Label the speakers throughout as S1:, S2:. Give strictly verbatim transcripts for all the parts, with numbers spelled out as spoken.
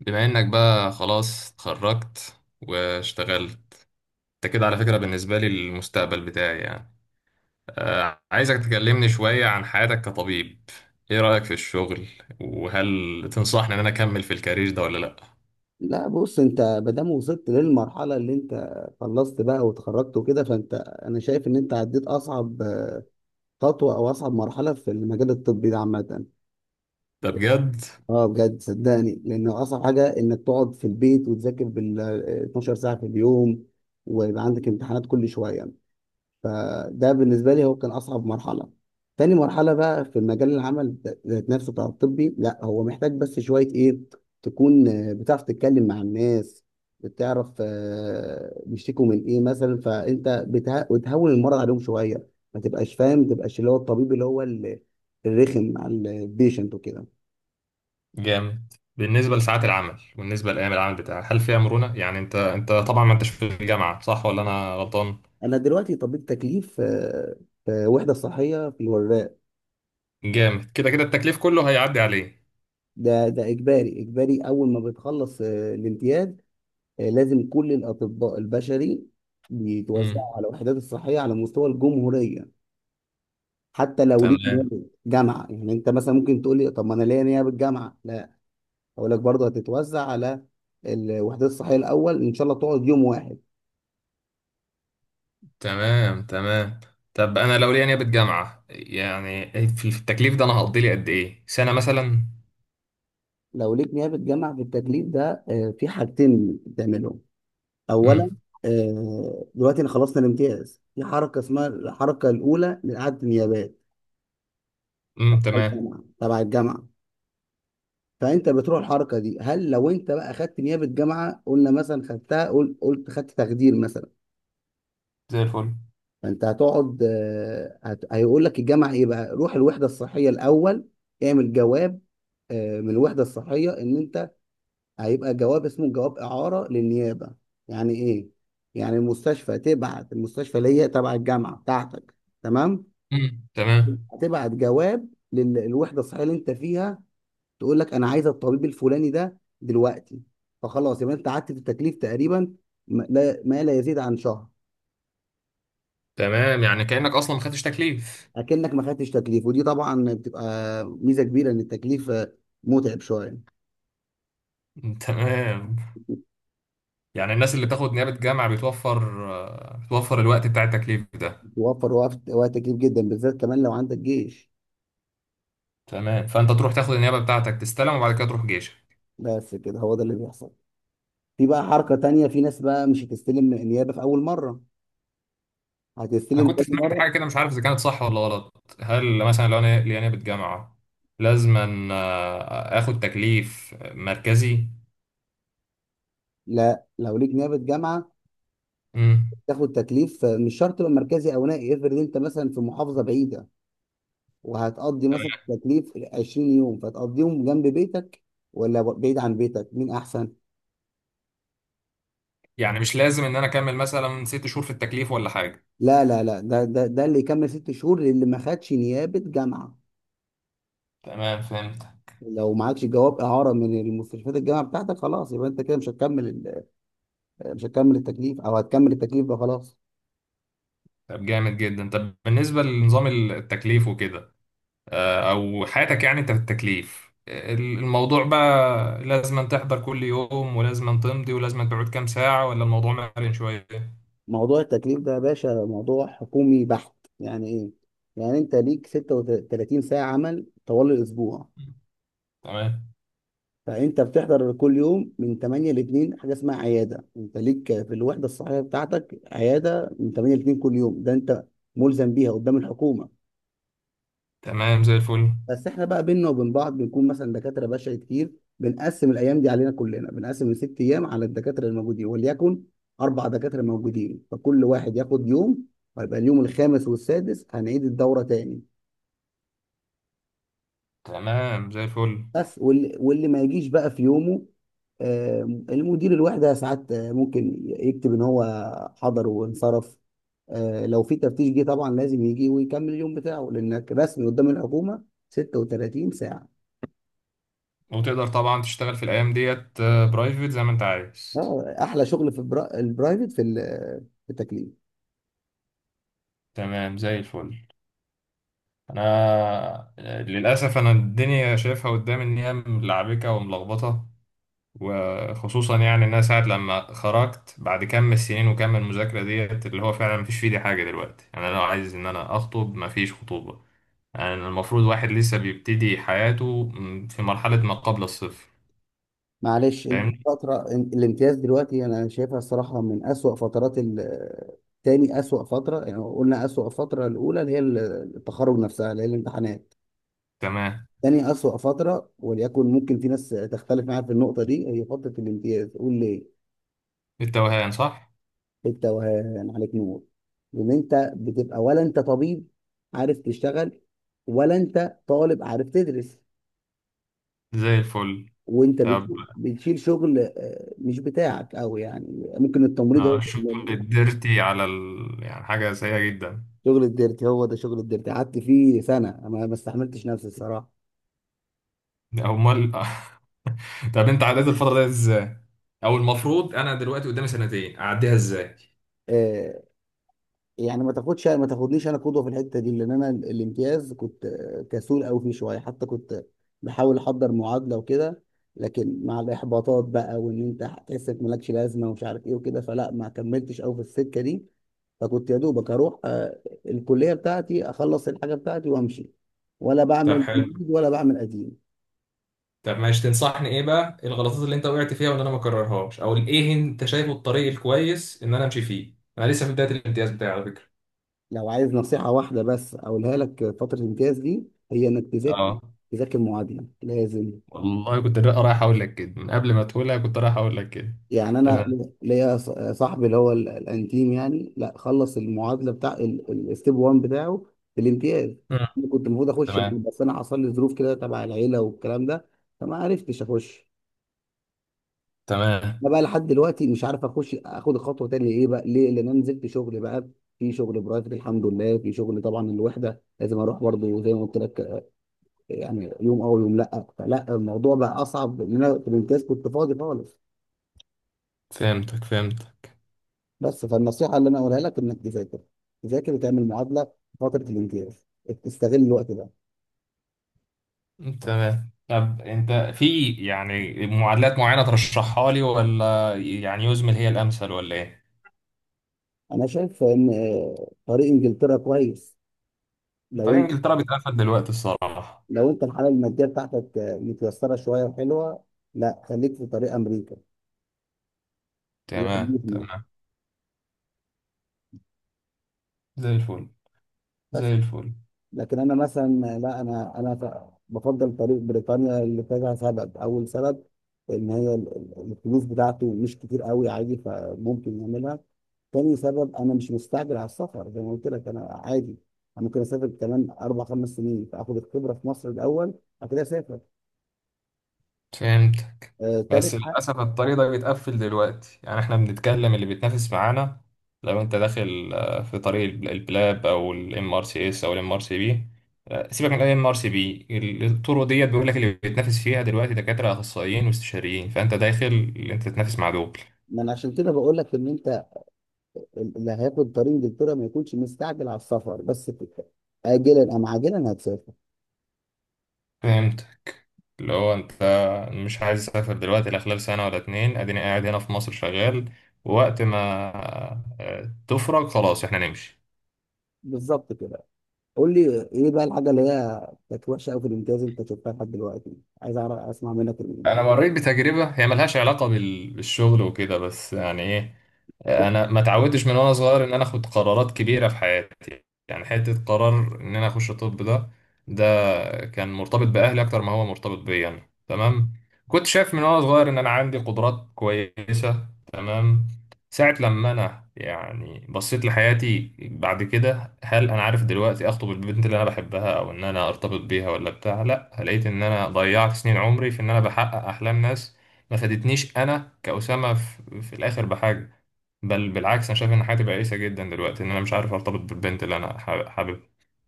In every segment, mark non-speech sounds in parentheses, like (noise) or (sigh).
S1: بما انك بقى خلاص اتخرجت واشتغلت. انت كده على فكرة، بالنسبة لي المستقبل بتاعي يعني آه، عايزك تكلمني شوية عن حياتك كطبيب. ايه رأيك في الشغل؟ وهل تنصحني ان انا اكمل في الكارير ده ولا لا؟
S2: لا، بص. انت ما دام وصلت للمرحله اللي انت خلصت بقى واتخرجت وكده فانت انا شايف ان انت عديت اصعب خطوه او اصعب مرحله في المجال الطبي ده عامه.
S1: ده بجد؟
S2: اه، بجد صدقني، لان اصعب حاجه انك تقعد في البيت وتذاكر بال اتناشر ساعه في اليوم، ويبقى عندك امتحانات كل شويه. فده بالنسبة لي هو كان أصعب مرحلة. تاني مرحلة بقى في مجال العمل ذات نفسه بتاع الطبي، لا هو محتاج بس شوية إيه، تكون آه، بتعرف تتكلم مع الناس، بتعرف آه، بيشتكوا من إيه مثلا، فأنت بتها... بتهون المرض عليهم شوية. ما تبقاش فاهم، ما تبقاش اللي هو الطبيب اللي هو ال- الرخم على البيشنت وكده.
S1: جامد. بالنسبة لساعات العمل وبالنسبة لأيام العمل بتاعك هل فيها مرونة؟ يعني انت انت طبعا ما انتش في الجامعة، صح ولا انا غلطان؟
S2: أنا دلوقتي طبيب تكليف، آه، في وحدة صحية في الوراق.
S1: جامد. كده كده التكليف كله هيعدي عليه.
S2: ده ده إجباري إجباري، أول ما بتخلص آه، الامتياز. آه، لازم كل الأطباء البشري
S1: امم،
S2: بيتوزعوا على الوحدات الصحية على مستوى الجمهورية. حتى لو ليك
S1: تمام.
S2: نيابة جامعة، يعني أنت مثلا ممكن تقول لي طب ما أنا ليا نيابة جامعة، لا أقول لك برضه هتتوزع على الوحدات الصحية الأول. إن شاء الله تقعد يوم واحد.
S1: تمام. تمام. طب انا لو ليا نيابة جامعة يعني في في التكليف ده انا هقضي لي قد ايه، سنة مثلا؟
S2: لو ليك نيابة جامعة في التكليف ده، آه، في حاجتين بتعملهم. أولا،
S1: امم.
S2: آه، دلوقتي أنا خلصنا الامتياز في حركة اسمها الحركة الأولى لإعادة النيابات
S1: امم،
S2: تبع
S1: تمام.
S2: الجامعة تبع الجامعة. فانت بتروح الحركه دي. هل لو انت بقى خدت نيابه جامعه، قلنا مثلا خدتها، قل- قلت خدت تخدير مثلا،
S1: زي الفل.
S2: فانت هتقعد، آه، هت... هيقول لك الجامعه ايه بقى، روح الوحده الصحيه الاول، اعمل جواب آه، من الوحده الصحيه ان انت، هيبقى جواب اسمه جواب اعاره للنيابه. يعني ايه؟ يعني المستشفى تبعت المستشفى اللي هي تبع الجامعه بتاعتك، تمام،
S1: امم، تمام.
S2: هتبعت جواب للوحده الصحيه اللي انت فيها، تقول لك انا عايزه الطبيب الفلاني ده دلوقتي. فخلاص يبقى انت قعدت في التكليف تقريبا ما لا ما لا يزيد عن شهر.
S1: تمام. يعني كأنك اصلا ما خدتش تكليف.
S2: اكنك ما خدتش تكليف، ودي طبعا بتبقى ميزه كبيره ان التكليف آه، متعب شويه.
S1: مم، تمام. يعني الناس اللي بتاخد نيابة جامعة بتوفر آه، بتوفر الوقت بتاع التكليف ده.
S2: بيوفر وقت، وقت كتير جدا، بالذات كمان لو عندك جيش.
S1: تمام. فانت تروح تاخد النيابة بتاعتك تستلم وبعد كده تروح جيشك.
S2: بس كده هو ده اللي بيحصل. في بقى حركه تانية، في ناس بقى مش هتستلم نيابه في اول مره،
S1: انا
S2: هتستلم
S1: كنت
S2: تاني
S1: سمعت
S2: مره.
S1: حاجه كده، مش عارف اذا كانت صح ولا غلط. هل مثلا لو انا ليا جامعه لازم أن، آه، اخد تكليف مركزي؟
S2: لا، لو ليك نيابه جامعه
S1: امم.
S2: تاخد تكليف، آه، مش شرط يبقى مركزي او نائي. افرض انت مثلا في محافظه بعيده، وهتقضي مثلا تكليف عشرين يوم، فتقضيهم جنب بيتك ولا ب- بعيد عن بيتك، مين احسن؟
S1: يعني مش لازم ان انا اكمل مثلا ست شهور في التكليف ولا حاجه؟
S2: لا، لا، لا، ده ده ده اللي يكمل ست شهور اللي ما خدش نيابة جامعة.
S1: تمام، فهمت.
S2: لو معكش جواب إعارة من المستشفيات الجامعة بتاعتك، خلاص يبقى أنت كده مش هتكمل ال- مش هتكمل التكليف، أو هتكمل التكليف ده خلاص.
S1: طب جامد جدا. طب بالنسبه لنظام التكليف وكده آه، او حياتك، يعني انت في التكليف ال- الموضوع بقى لازم أن تحضر كل يوم ولازم أن تمضي ولازم أن تقعد كام ساعه، ولا الموضوع مرن شويه؟
S2: موضوع التكليف ده يا باشا موضوع حكومي بحت. يعني إيه؟ يعني أنت ليك ست وتلاتين ساعة عمل طوال الأسبوع.
S1: تمام.
S2: فانت بتحضر كل يوم من تمانية ل اتنين، حاجه اسمها عياده، انت ليك في الوحده الصحيه بتاعتك عياده من تمانية ل اتنين كل يوم، ده انت ملزم بيها قدام الحكومه.
S1: تمام، زي الفل.
S2: بس احنا بقى بينا وبين بعض بنكون مثلا دكاتره بشري كتير، بنقسم الايام دي علينا كلنا، بنقسم الست ايام على الدكاتره الموجودين، وليكن اربع دكاتره موجودين، فكل واحد ياخد يوم، ويبقى اليوم الخامس والسادس هنعيد الدوره تاني.
S1: تمام، زي الفل.
S2: بس واللي, واللي ما يجيش بقى في يومه، آه، المدير الوحدة ساعات آه، ممكن يكتب ان هو حضر وانصرف. آه، لو في تفتيش جه طبعا لازم يجي ويكمل اليوم بتاعه، لانك رسمي قدام الحكومة ست وتلاتين ساعة.
S1: وتقدر طبعا تشتغل في الأيام ديت آه، برايفت زي ما أنت عايز؟
S2: آه، احلى شغل في البرا- البرايفت في ال- في التكليف.
S1: تمام، زي الفل. أنا للأسف أنا الدنيا شايفها قدامي إن هي ملعبكة وملخبطة. وخصوصا يعني إن أنا ساعة لما خرجت بعد كم السنين وكم المذاكرة ديت اللي هو فعلا مفيش في إيدي حاجة دلوقتي، يعني أنا لو عايز إن أنا أخطب مفيش خطوبة. يعني المفروض واحد لسه بيبتدي حياته م، في مرحلة ما قبل الصفر.
S2: معلش، انت
S1: فاهمني؟
S2: فترة الامتياز دلوقتي انا شايفها الصراحة من اسوأ فترات ال- تاني اسوأ فترة. يعني قلنا اسوأ فترة الاولى اللي هي ال- التخرج نفسها اللي هي الامتحانات.
S1: تمام.
S2: تاني أسوأ فترة، وليكن ممكن في ناس تختلف معايا في النقطة دي، هي فترة الامتياز. قول ليه؟
S1: التوهان، صح؟
S2: بالتوهان عليك نور. لأن أنت بتبقى ولا أنت طبيب عارف تشتغل، ولا أنت طالب عارف تدرس.
S1: زي الفل.
S2: وأنت
S1: طب
S2: بت- بتشيل شغل آه، مش بتاعك أوي، يعني ممكن التمريض
S1: آه،
S2: هو.
S1: الشغل الديرتي على ال... يعني حاجة سيئة جدا.
S2: شغل الديرتي، هو ده شغل الديرتي، قعدت فيه سنة ما ما استحملتش نفسي الصراحة.
S1: أمال (laughs) طب أنت عديت الفترة دي إزاي؟ أو المفروض أنا دلوقتي قدامي سنتين أعديها إزاي؟
S2: آه، يعني ما تاخدش ما تاخدنيش انا قدوه في الحته دي، لان انا ال- الامتياز كنت آه، كسول قوي فيه شويه، حتى كنت بحاول احضر معادله وكده. لكن مع الاحباطات بقى، وان انت هتحس انك مالكش لازمه ومش عارف ايه وكده، فلا، ما كملتش قوي في السكه دي. فكنت يا دوبك اروح آه، الكليه بتاعتي، اخلص الحاجه بتاعتي وامشي، ولا
S1: طب
S2: بعمل جديد
S1: حلو.
S2: ولا بعمل قديم.
S1: طب ماشي، تنصحني إيه بقى؟ إيه الغلطات اللي أنت وقعت فيها وإن أنا ما أكررهاش؟ أو إيه أنت شايفه الطريق الكويس إن أنا أمشي فيه؟ أنا لسه في بداية الامتياز بتاعي على فكرة.
S2: لو عايز نصيحه واحده بس اقولها لك في فتره الامتياز دي، هي انك تذاكر،
S1: اه.
S2: تذاكر معادله لازم.
S1: والله كنت رايح أقول لك كده من قبل ما تقولها، كنت رايح أقول لك كده.
S2: يعني انا
S1: تمام.
S2: ليا ص- صاحبي اللي هو ال- الانتيم يعني، لا خلص المعادله بتاع الستيب واحد بتاعه في الامتياز.
S1: مم.
S2: أنا كنت المفروظ اخش،
S1: تمام.
S2: بس انا حصل لي ظروف كده تبع العيله والكلام ده، فما عرفتش اخش.
S1: تمام.
S2: انا بقى لحد دلوقتي مش عارف اخش اخد الخطوه تاني. ايه بقى ليه؟ لان انا نزلت شغل بقى، في شغل برايفت الحمد لله، في شغل طبعا الوحده لازم اروح برضه زي ما قلت لك، يعني يوم او يوم لا، فلا الموضوع بقى اصعب لان انا في الامتياز كنت فاضي خالص.
S1: فهمتك فهمتك.
S2: بس فالنصيحه اللي انا اقولها لك انك تذاكر، تذاكر وتعمل معادله في فتره الامتياز، تستغل الوقت ده.
S1: تمام. طب انت في يعني معادلات معينة ترشحها لي ولا يعني يزمل هي الامثل ولا ايه؟
S2: انا شايف ان آه، طريق انجلترا كويس، لو
S1: طريق
S2: انت
S1: انجلترا بيتقفل دلوقتي الصراحة.
S2: لو انت الحاله الماديه بتاعتك آه، متيسره شويه وحلوه، لا خليك في طريق امريكا، هي
S1: تمام.
S2: حدود
S1: تمام، زي الفل.
S2: بس.
S1: زي الفل.
S2: لكن انا مثلا آه، لا انا انا ف- بفضل طريق بريطانيا لكذا سبب. اول سبب، ان هي ال- ال- الفلوس بتاعته مش كتير قوي، عادي فممكن يعملها. تاني سبب، انا مش مستعجل على السفر زي ما قلت لك، انا عادي، انا ممكن اسافر كمان اربع خمس سنين، فاخد الخبره في مصر الاول، بعد كده اسافر.
S1: فهمت.
S2: آه، تالت
S1: بس
S2: حق.
S1: للأسف الطريق ده بيتقفل دلوقتي. يعني احنا بنتكلم اللي بيتنافس معانا لو انت داخل آه، في طريق الب- البلاب او الام ار سي اس او الام ار سي بي. آه، سيبك من الام ار سي بي. الطرق ديت بيقول لك اللي بيتنافس فيها دلوقتي دكاترة اخصائيين واستشاريين، فانت داخل اللي انت تتنافس مع دول.
S2: ما انا عشان كده بقول لك ان انت اللي هياخد طريق انجلترا ما يكونش مستعجل على السفر، بس كده. اجلا ام عاجلا هتسافر.
S1: فهمت. اللي هو انت مش عايز اسافر دلوقتي لا خلال سنة ولا اتنين، اديني قاعد هنا في مصر شغال. ووقت ما آه، تفرج خلاص احنا نمشي.
S2: بالظبط كده. قول لي ايه بقى الحاجه اللي هي كانت وحشه قوي في الامتياز انت شفتها لحد دلوقتي؟ عايز اعرف، اسمع منك ال-
S1: انا مريت بتجربه هي ملهاش علاقه بال- بالشغل وكده، بس يعني ايه،
S2: بص،
S1: انا ما اتعودتش من وانا صغير ان انا اخد قرارات كبيره في حياتي. يعني حته قرار ان انا اخش طب ده، ده كان مرتبط باهلي اكتر ما هو مرتبط بيا انا. تمام. كنت شايف من وانا صغير ان انا عندي قدرات كويسه. تمام. ساعة لما أنا يعني بصيت لحياتي بعد كده، هل أنا عارف دلوقتي أخطب البنت اللي أنا بحبها أو إن أنا أرتبط بيها ولا بتاع؟ لأ، لقيت إن أنا ضيعت سنين عمري في إن أنا بحقق أحلام ناس ما فادتنيش، أنا كأسامة في, في الآخر بحاجة. بل بالعكس أنا شايف إن حياتي بائسة جدا دلوقتي، إن أنا مش عارف أرتبط بالبنت اللي أنا حابب حاببها.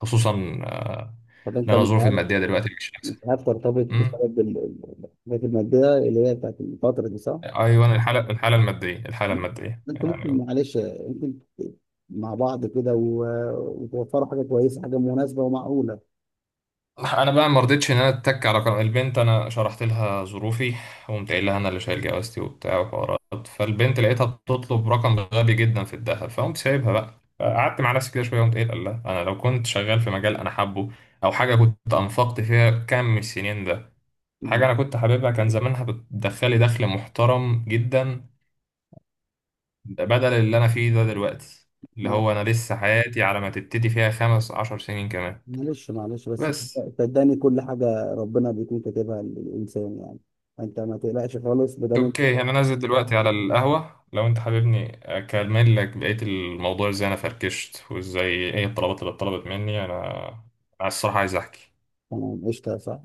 S1: خصوصا آه،
S2: طب
S1: إن
S2: انت
S1: أنا
S2: مش
S1: ظروفي
S2: عارف
S1: المادية دلوقتي مش أحسن.
S2: مش عارف ترتبط
S1: أمم.
S2: بسبب ال- ال- الحاجات الماديه اللي هي بتاعت الفتره دي، صح؟
S1: أيوة، الحالة الحالة المادية، الحالة المادية
S2: انت ممكن
S1: يعني.
S2: معلش، ممكن مع بعض كده و- وتوفروا حاجه كويسه، حاجه مناسبه ومعقوله.
S1: انا بقى ما رضيتش ان انا اتك على قرار البنت. انا شرحت لها ظروفي وقمت قايل لها انا اللي شايل جوازتي وبتاع وحوارات، فالبنت لقيتها بتطلب رقم غبي جدا في الذهب. فقمت سايبها بقى، قعدت مع نفسي كده شويه وقمت قايل لها انا لو كنت شغال في مجال انا حابه، او حاجه كنت انفقت فيها كام من السنين ده، حاجه
S2: مم.
S1: انا كنت حاببها، كان زمانها بتدخلي دخل محترم جدا. بدل اللي انا فيه ده دلوقتي، اللي
S2: مع-
S1: هو انا لسه حياتي على ما تبتدي فيها خمس عشر سنين كمان.
S2: معلش، معلش بس
S1: بس.
S2: صدقني كل حاجه ربنا بيكون كاتبها للانسان يعني، انت ما تقلقش خالص ما دام انت،
S1: اوكي انا نازل دلوقتي على القهوة، لو انت حاببني اكمل لك بقية الموضوع ازاي انا فركشت وازاي ايه الطلبات اللي اتطلبت مني انا. انا الصراحة عايز احكي.
S2: تمام، قشطه، صح.